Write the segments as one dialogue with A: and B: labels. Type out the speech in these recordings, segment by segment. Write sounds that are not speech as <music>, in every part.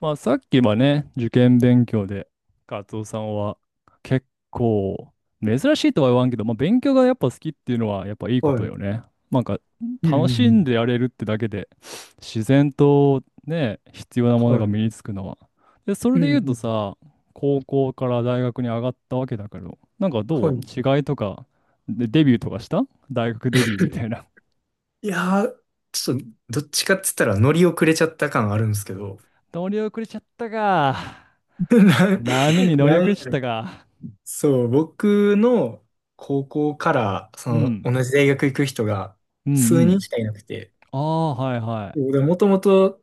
A: まあさっきはね、受験勉強で、カツオさんは結構珍しいとは言わんけど、まあ勉強がやっぱ好きっていうのはやっぱいいこ
B: は
A: と
B: い。
A: よね。なんか
B: うんう
A: 楽
B: んう
A: しん
B: ん。
A: でやれるってだけで、自然とね、必要なもの
B: は
A: が
B: い。
A: 身につくのは。で、それ
B: う
A: で
B: んう
A: 言うと
B: ん。
A: さ、高校から大学に上がったわけだけど、なんか
B: は
A: どう
B: い。
A: 違いとか、で、デビューとかした大学デビューみたいな。
B: い <laughs> やー、ちょっと、どっちかって言ったら乗り遅れちゃった感あるんですけど。
A: <laughs> 乗り遅れちゃったか。波に
B: <laughs>
A: 乗り
B: な
A: 遅れちゃっ
B: な
A: たか。
B: そう、僕の高校から、そ
A: う
B: の、
A: ん。
B: 同じ大学行く人が
A: う
B: 数
A: んう
B: 人
A: ん。
B: しかいなくて、
A: ああ、はいは
B: もともと、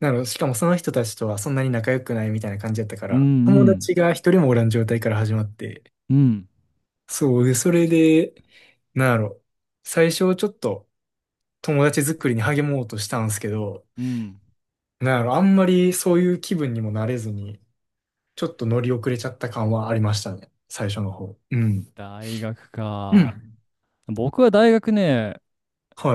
B: しかもその人たちとはそんなに仲良くないみたいな感じだったか
A: い。うんう
B: ら、友
A: ん。
B: 達が一人もおらん状態から始まって、
A: うん。
B: そう、で、それで、なんやろ、最初ちょっと、友達作りに励もうとしたんですけど、
A: うん。
B: なんやろ、あんまりそういう気分にもなれずに、ちょっと乗り遅れちゃった感はありましたね。最初の方。うん。
A: 大学
B: う
A: か。
B: ん。
A: 僕は大学ね、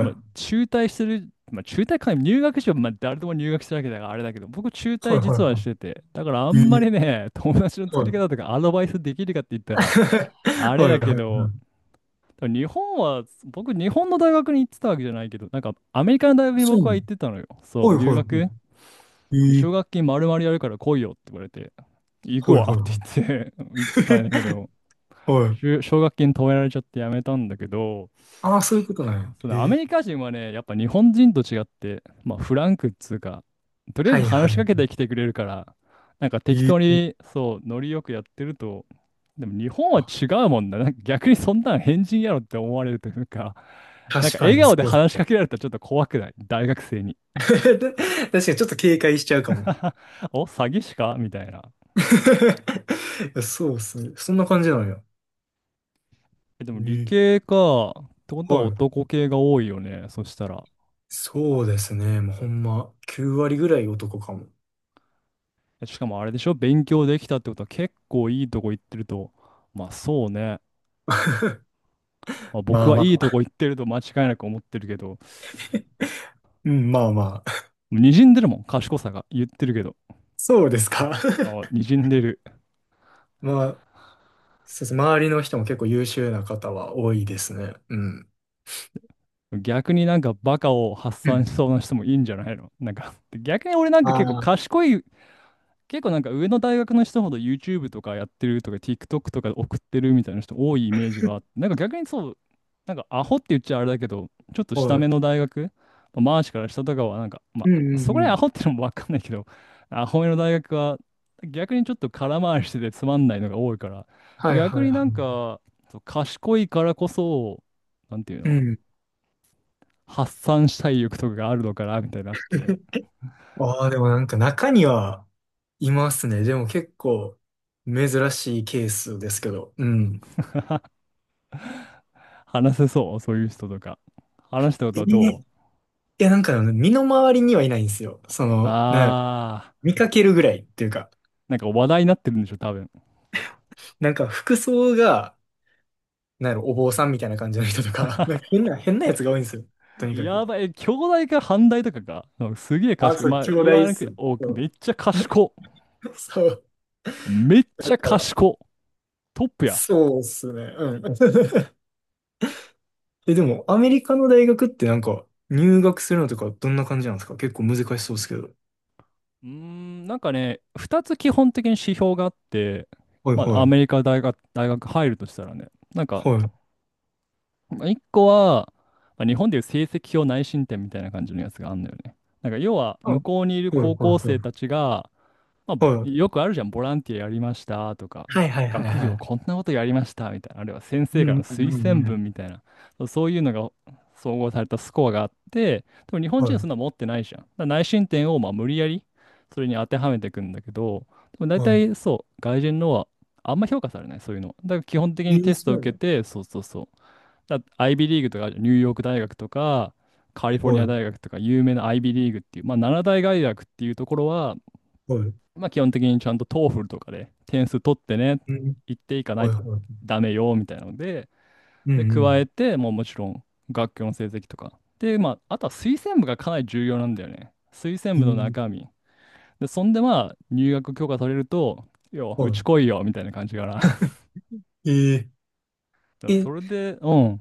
A: まあ、中退する、まあ、中退か、入学しよう、まあ、誰でも入学してるわけだからあれだけど、僕中
B: いは
A: 退
B: いはい
A: 実は
B: は
A: してて、だからあ
B: い。
A: んまり
B: え
A: ね、友達の
B: え
A: 作
B: は
A: り方
B: い。
A: とかアドバイスできるかって言ったら、あ
B: <laughs>
A: れ
B: はいは
A: だ
B: い
A: け
B: はい。
A: ど、多分日本は、僕、日本の大学に行ってたわけじゃないけど、なんか、アメリカの大学に
B: そう
A: 僕
B: な
A: は
B: の。
A: 行ってたのよ。そう、
B: はい
A: 留
B: はいは
A: 学。で
B: い。
A: 奨
B: え
A: 学
B: え
A: 金丸々やるから来いよって言われて、行く
B: はいは
A: わ
B: い
A: って
B: は
A: 言って <laughs> 言ってたんだけど、
B: い。<laughs> はい。
A: 奨学金止められちゃってやめたんだけど、
B: ああ、そういうことなんや。
A: そのア
B: え
A: メリ
B: え
A: カ人はね、やっぱ日本人と違って、まあフランクっつうか、とりあえ
B: は
A: ず
B: いは
A: 話しかけて
B: い。
A: きてくれるから、なんか適
B: え
A: 当に
B: え
A: そう、ノリよくやってると、でも日本は違うもんだ。なんか逆にそんなん変人やろって思われるというか、なん
B: 確
A: か
B: か
A: 笑
B: に、そ
A: 顔で
B: うっす。
A: 話しかけられたらちょっと怖くない大学生に。
B: <laughs> 確かにちょっと警戒しちゃうかも。
A: <laughs> お、詐欺師かみたいな。
B: <laughs> いやそうっすね。そんな感じなんや。
A: えでも理
B: え
A: 系か。ってことは
B: はい。
A: 男系が多いよね。そしたら。
B: そうですね。もうほんま、9割ぐらい男かも。
A: しかもあれでしょ勉強できたってことは結構いいとこ行ってると。まあそうね。まあ、僕
B: まあ
A: は
B: まあ。
A: いいと
B: <laughs>
A: こ行ってると間違いなく思ってるけど、
B: うん、まあまあ。<laughs>
A: 滲んでるもん、賢さが言ってるけど。
B: そうですか。
A: あ、
B: <laughs>
A: にじんでる。
B: まあ、そうです。周りの人も結構優秀な方は多いですね。うん。
A: 逆になんかバカを発
B: う
A: 散
B: ん。
A: しそうな人もいいんじゃないのなんか、逆に俺なんか結構
B: あ
A: 賢い結構なんか上の大学の人ほど YouTube とかやってるとか TikTok とかで送ってるみたいな人多いイメージがあって、なんか逆にそう、なんかアホって言っちゃあれだけど、ちょっと
B: あ、
A: 下
B: はい。
A: 目の大学、まあマーシから下とかはなんか、
B: う
A: ま
B: んう
A: あ、そ
B: ん
A: こ
B: う
A: ら辺ア
B: ん。
A: ホってのもわかんないけど、アホ目の大学は逆にちょっと空回りしててつまんないのが多いから、
B: はいは
A: 逆
B: い
A: に
B: は
A: なんか、そう賢いからこそ、なんていう
B: い。う
A: の、
B: ん。
A: 発散したい欲とかがあるのかなみたいになって、
B: <laughs> ああ、でもなんか中にはいますね。でも結構珍しいケースですけど。うん。
A: 話せそう、そういう人とか。話したこと
B: え
A: は
B: ー
A: どう
B: いや、なんかあの身の回りにはいないんですよ。その、なんやろ
A: ああ、
B: 見かけるぐらいっていうか。
A: なんか話題になってるんでしょ、多分。
B: なんか服装が、なんやろ、お坊さんみたいな感じの人とか、<laughs> なんか変なやつが多いんですよ。とにかく。
A: やばい、え兄弟か反対とかか。うんすげえ
B: あ、
A: 賢い。
B: そう、
A: まあ、
B: 兄
A: 言わ
B: 弟っ
A: なくて、
B: す。
A: お、
B: そ
A: め
B: う。
A: っちゃ賢。
B: そう、
A: めっち
B: だ
A: ゃ
B: から、
A: 賢。トップや。
B: そうっすね。うん。<laughs> え、でも、アメリカの大学ってなんか、入学するのとかどんな感じなんですか？結構難しそうですけど。
A: うーん、なんかね、2つ基本的に指標があって、
B: はい
A: まあ、
B: は
A: ア
B: い。
A: メリカ大学、大学入るとしたらね、なんか、
B: はい。
A: 1個は、まあ、日本でいう成績表内申点みたいな感じのやつがあるんだよね。なんか、要は、
B: あ、
A: 向
B: は
A: こうにいる
B: いはい
A: 高校
B: は
A: 生
B: い。
A: たちが、まあ、ぼ
B: はい。
A: よくあるじゃん、ボランティアやりましたとか、
B: はいはいはい
A: 学
B: は
A: 業こ
B: い。
A: んなことやりましたみたいな、あるいは先
B: う
A: 生からの
B: んうんう
A: 推薦
B: んうん。
A: 文みたいな、そうそういうのが総合されたスコアがあって、でも日本人はそ
B: は
A: んなの持ってないじゃん。だから内申点をまあ無理やりそれに当てはめていくんだけど、でも大
B: い。は
A: 体そう、外人のはあんま評価されない、そういうのは。だから基本的
B: い。え
A: に
B: ー、
A: テストを
B: そうな
A: 受け
B: の。
A: て、そうそうそう。だ IB リーグとかあるじゃん、ニューヨーク大学とか、カリフォルニ
B: は
A: ア
B: い。
A: 大学とか有名な IB リーグっていう、まあ、7大外学っていうところは
B: はい。
A: まあ、基本的にちゃんと TOEFL とかで点数取ってね、
B: うん。
A: 行っていかない
B: はい
A: と
B: はい。
A: ダメよみたいなので、
B: う
A: で、
B: んう
A: 加え
B: ん。
A: て、もうもちろん学級の成績とか。で、まあ、あとは推薦部がかなり重要なんだよね。推薦
B: え
A: 部の
B: ー、
A: 中身。で、そんでまあ、入学許可されると、よ、う
B: は
A: ち来いよみたいな感じかな。<laughs> だか
B: い。えー、
A: らそれ
B: え、
A: で、うん、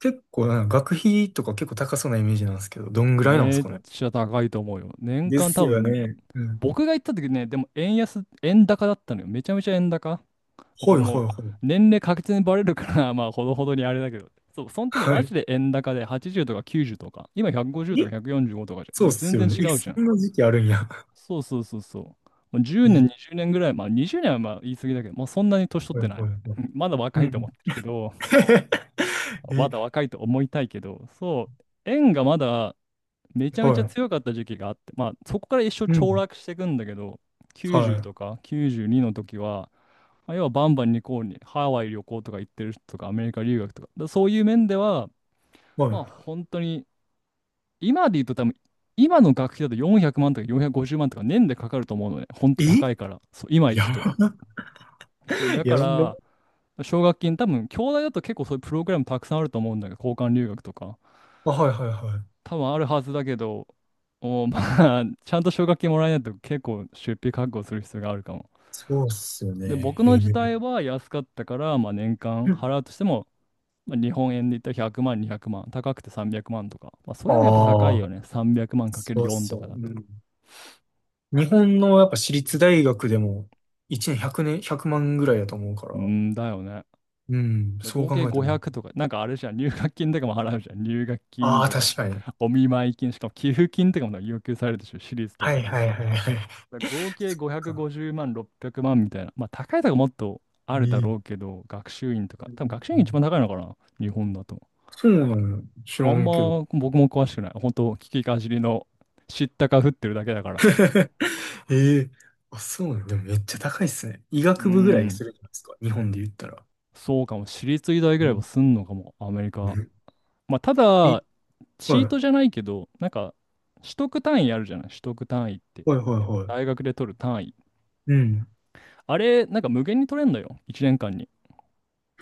B: 結構なんか学費とか結構高そうなイメージなんですけど、どんぐらいなんで
A: め
B: す
A: っ
B: かね？
A: ちゃ高いと思うよ。年
B: で
A: 間
B: す
A: 多
B: よ
A: 分、
B: ね。うん。
A: 僕が行った時ね、でも円安、円高だったのよ。めちゃめちゃ円高。これ
B: はいは
A: もう
B: いは
A: 年齢確実にバレるから <laughs> まあほどほどにあれだけど。そう、その時
B: い。
A: マ
B: は
A: ジで円高で80とか90とか、今150
B: い。
A: とか
B: え
A: 145とかじゃん。
B: そう
A: も
B: っ
A: う全
B: すよ
A: 然
B: ね。
A: 違
B: え、
A: う
B: そ
A: じゃん。
B: んな時期あるんや。
A: そうそうそうそう。もう
B: <laughs>
A: 10年、
B: え、
A: 20年ぐらい、まあ20年はまあ言い過ぎだけど、もうそんなに年取っ
B: はい
A: てない。
B: はいは
A: <laughs>
B: い。
A: うんまだ若
B: う
A: いと思っ
B: ん。
A: てるけど、まだ
B: <laughs>
A: 若いと思いたいけど、そう、円がまだめちゃ
B: え、
A: めち
B: は
A: ゃ
B: い。
A: 強かった時期があって、まあそこから一生
B: う
A: 凋
B: ん。
A: 落していくんだけど、90
B: は
A: とか92の時は、まあ、要はバンバンにこうにハワイ旅行とか行ってる人とかアメリカ留学とか、だそういう面では、
B: い。
A: まあ
B: は
A: 本当に今で言うと多分今の学費だと400万とか450万とか年でかかると思うのね。本当
B: い。
A: 高
B: え
A: いから。そう、今行
B: や
A: くと。
B: ば。
A: そう、だ
B: <laughs> や
A: か
B: ば。
A: ら奨学金多分、兄弟だと結構そういうプログラムたくさんあると思うんだけど、交換留学とか。
B: あ、はいはいはい。
A: 多分あるはずだけど、おまあ、<laughs> ちゃんと奨学金もらえないと結構出費覚悟する必要があるかも。
B: そうっすよ
A: で、
B: ね。
A: 僕
B: へ
A: の
B: え。
A: 時代は安かったから、まあ、年間払うとしても、まあ、日本円で言ったら100万、200万、高くて300万とか。まあ、そ
B: あ
A: れでもやっぱ高い
B: あ、
A: よね。300万かける
B: そうっ
A: 4
B: す
A: と
B: よ。
A: かだ
B: う
A: と。
B: ん、日本のやっぱ私立大学でも1年1年、100万ぐらいだと思うから。
A: うーんだよね。
B: うん、
A: で
B: そう
A: 合
B: 考
A: 計
B: えたらね。
A: 500とか、なんかあれじゃん、入学金とかも払うじゃん。入学
B: あ
A: 金
B: あ、
A: とか、
B: 確かに。
A: お見舞い金、しかも寄付金とかも要求されるでしょ、私立と
B: は
A: か
B: い
A: だ
B: は
A: と。
B: いはいはい。
A: 合
B: <laughs> そ
A: 計
B: っか。
A: 550万、600万みたいな。まあ、高いとかもっとあるだ
B: え
A: ろう
B: え
A: けど、学習院とか。
B: うん
A: 多分
B: うん
A: 学習
B: う
A: 院一番
B: ん。
A: 高いのかな日本だと。
B: そうなのよ。知
A: あ
B: ら
A: ん
B: んけど。
A: ま僕も詳しくない。本当聞きかじりの知ったか振ってるだけだから。
B: <laughs> ええあ、そうなの。でもめっちゃ高いっすね。医
A: うー
B: 学部ぐらいす
A: ん。
B: るじゃないですか。日本で言ったら。
A: そうかも。私立医大ぐ
B: う
A: らいは
B: ん。
A: すんのかも。アメリ
B: う
A: カ。
B: ん
A: まあ、た
B: え、
A: だ、チ
B: は
A: ー
B: い。
A: トじゃないけど、なんか、取得単位あるじゃない取得単位って。
B: はいはいはい。
A: 大学で取る単位。
B: うん。
A: あれ、なんか無限に取れんのよ。1年間に。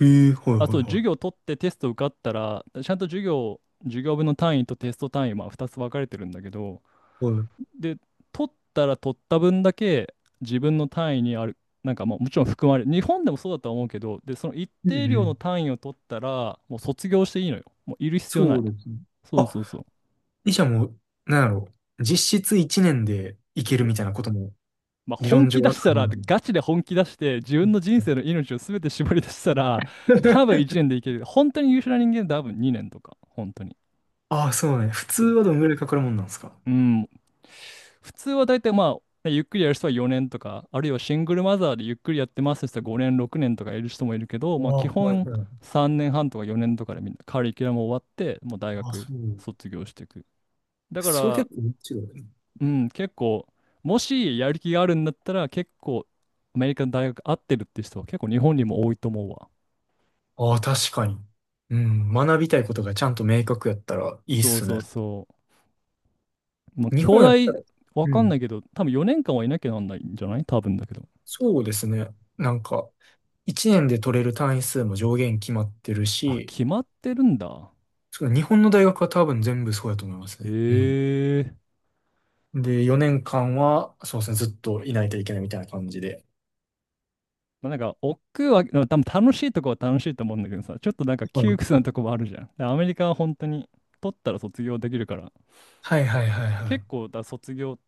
B: へえ、はいはい
A: あ、そう、授
B: は
A: 業取ってテスト受かったら、ちゃんと授業、授業分の単位とテスト単位、まあ2つ分かれてるんだけど、
B: い。はい。
A: で、取ったら取った分だけ自分の単位にある、なんかまあもちろん含まれる、日本でもそうだとは思うけど、で、その一
B: うん
A: 定
B: う
A: 量の
B: ん。
A: 単位を取ったら、もう卒業していいのよ。もういる必要な
B: そ
A: い。
B: うですね。
A: そう
B: あ、
A: そうそう。
B: 医者も、なんやろう。実質1年でいけるみたいなことも
A: まあ
B: 理
A: 本
B: 論上
A: 気出
B: は
A: し
B: 可
A: た
B: 能
A: ら、
B: なの。
A: ガチで本気出して、自
B: う
A: 分の人生の命を全て絞り出したら、多分
B: ん。
A: 1年でいける。本当に優秀な人間は多分2年とか、本当に。
B: ああ、そうね。普通はどんぐらいかかるもんなんですか？
A: うん。普通は大体まあ、ねゆっくりやる人は4年とか、あるいはシングルマザーでゆっくりやってますって人は5年、6年とかいる人もいるけど、
B: あ
A: まあ
B: あ、
A: 基
B: はい
A: 本
B: はい。
A: 3年半とか4年とかでみんなカリキュラム終わって、もう大
B: あ、
A: 学
B: そう。
A: 卒業していく。だか
B: それ
A: ら、
B: 結構違うね。
A: うん、結構、もしやる気があるんだったら、結構アメリカの大学合ってるって人は結構日本にも多いと思うわ。
B: ああ、確かに。うん、学びたいことがちゃんと明確やったらいいっ
A: そう
B: す
A: そ
B: ね。
A: うそう。まあ
B: 日本やっ
A: 兄
B: た
A: 弟、
B: ら、
A: わ
B: う
A: かん
B: ん、
A: ないけど、多分4年間はいなきゃなんないんじゃない多分だけど。
B: そうですね。なんか、1年で取れる単位数も上限決まってる
A: あ、
B: し、
A: 決まってるんだ。
B: そう日本の大学は多分全部そうやと思いますね。うん。
A: ええ
B: で、4年間は、そうですね、ずっといないといけないみたいな感じで。
A: まあ、なんか、億劫は、でも多分楽しいとこは楽しいと思うんだけどさ、ちょっとなんか
B: は
A: 窮
B: い。
A: 屈なとこもあるじゃん。でアメリカは本当に、取ったら卒業できるから、
B: はいはいはいはい。
A: 結構、だ卒業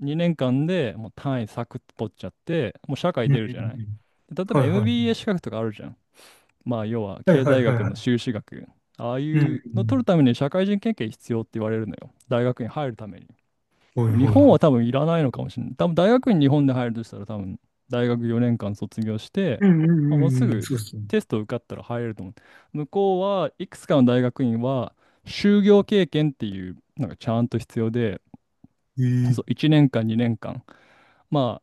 A: 2年間でもう単位サクッと取っちゃって、もう社会
B: うんう
A: 出るじゃない。
B: んうん。
A: で例え
B: は
A: ば
B: いはい。
A: MBA 資格とかあるじゃん。まあ、要は
B: はい
A: 経
B: はい
A: 済
B: はい
A: 学
B: は
A: の
B: い。
A: 修士学。ああい
B: うん。うん
A: う
B: う
A: の取
B: ん
A: るために社会人経験必要って言われるのよ。大学に入るために。
B: は
A: で
B: い
A: も日
B: はい
A: 本
B: は
A: は
B: い。
A: 多分いらないのかもしれない。多分大学院日本で入るとしたら多分大学4年間卒業して、
B: うんうん
A: まあ、も
B: う
A: うす
B: んうん。
A: ぐ
B: そうですね。
A: テスト受かったら入れると思う。向こうはいくつかの大学院は就業経験っていうのがちゃんと必要で、
B: え
A: そう
B: え
A: 1年間2年間、まあ、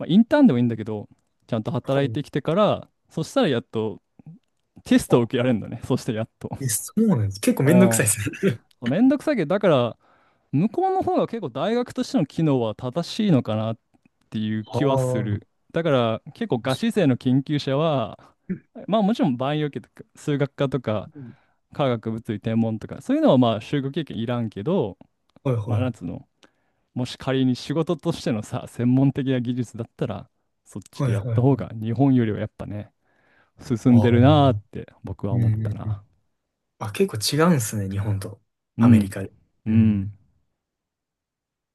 A: まあインターンでもいいんだけど、ちゃんと
B: は
A: 働い
B: い。
A: てきてから、そしたらやっとテストを
B: あ、
A: 受けられるんだね。そしてやっと。
B: え、そうなんです。結構めんどくさい
A: あ
B: ですね。
A: あ。めんどくさいけど、だから向こうの方が結構大学としての機能は正しいのかなっていう
B: <laughs> ああ。
A: 気はす
B: うん
A: る。だから結構ガチ勢の研究者は、まあもちろんバイオ系とか数学科とか化学物理天文とかそういうのはまあ就学経験いらんけど、
B: はい
A: まあ
B: は
A: なん
B: い。
A: つうの、もし仮に仕事としてのさ、専門的な技術だったらそっち
B: は
A: で
B: い
A: やっ
B: はいは
A: た
B: い。
A: 方が日本よりはやっぱね、進
B: あ
A: ん
B: あ。
A: で
B: う
A: る
B: ん
A: なーって僕は思っ
B: う
A: た
B: んう
A: な。
B: ん。あ、結構違うんですね、日本と
A: う
B: アメリ
A: ん。
B: カで。
A: う
B: う
A: ん。
B: ん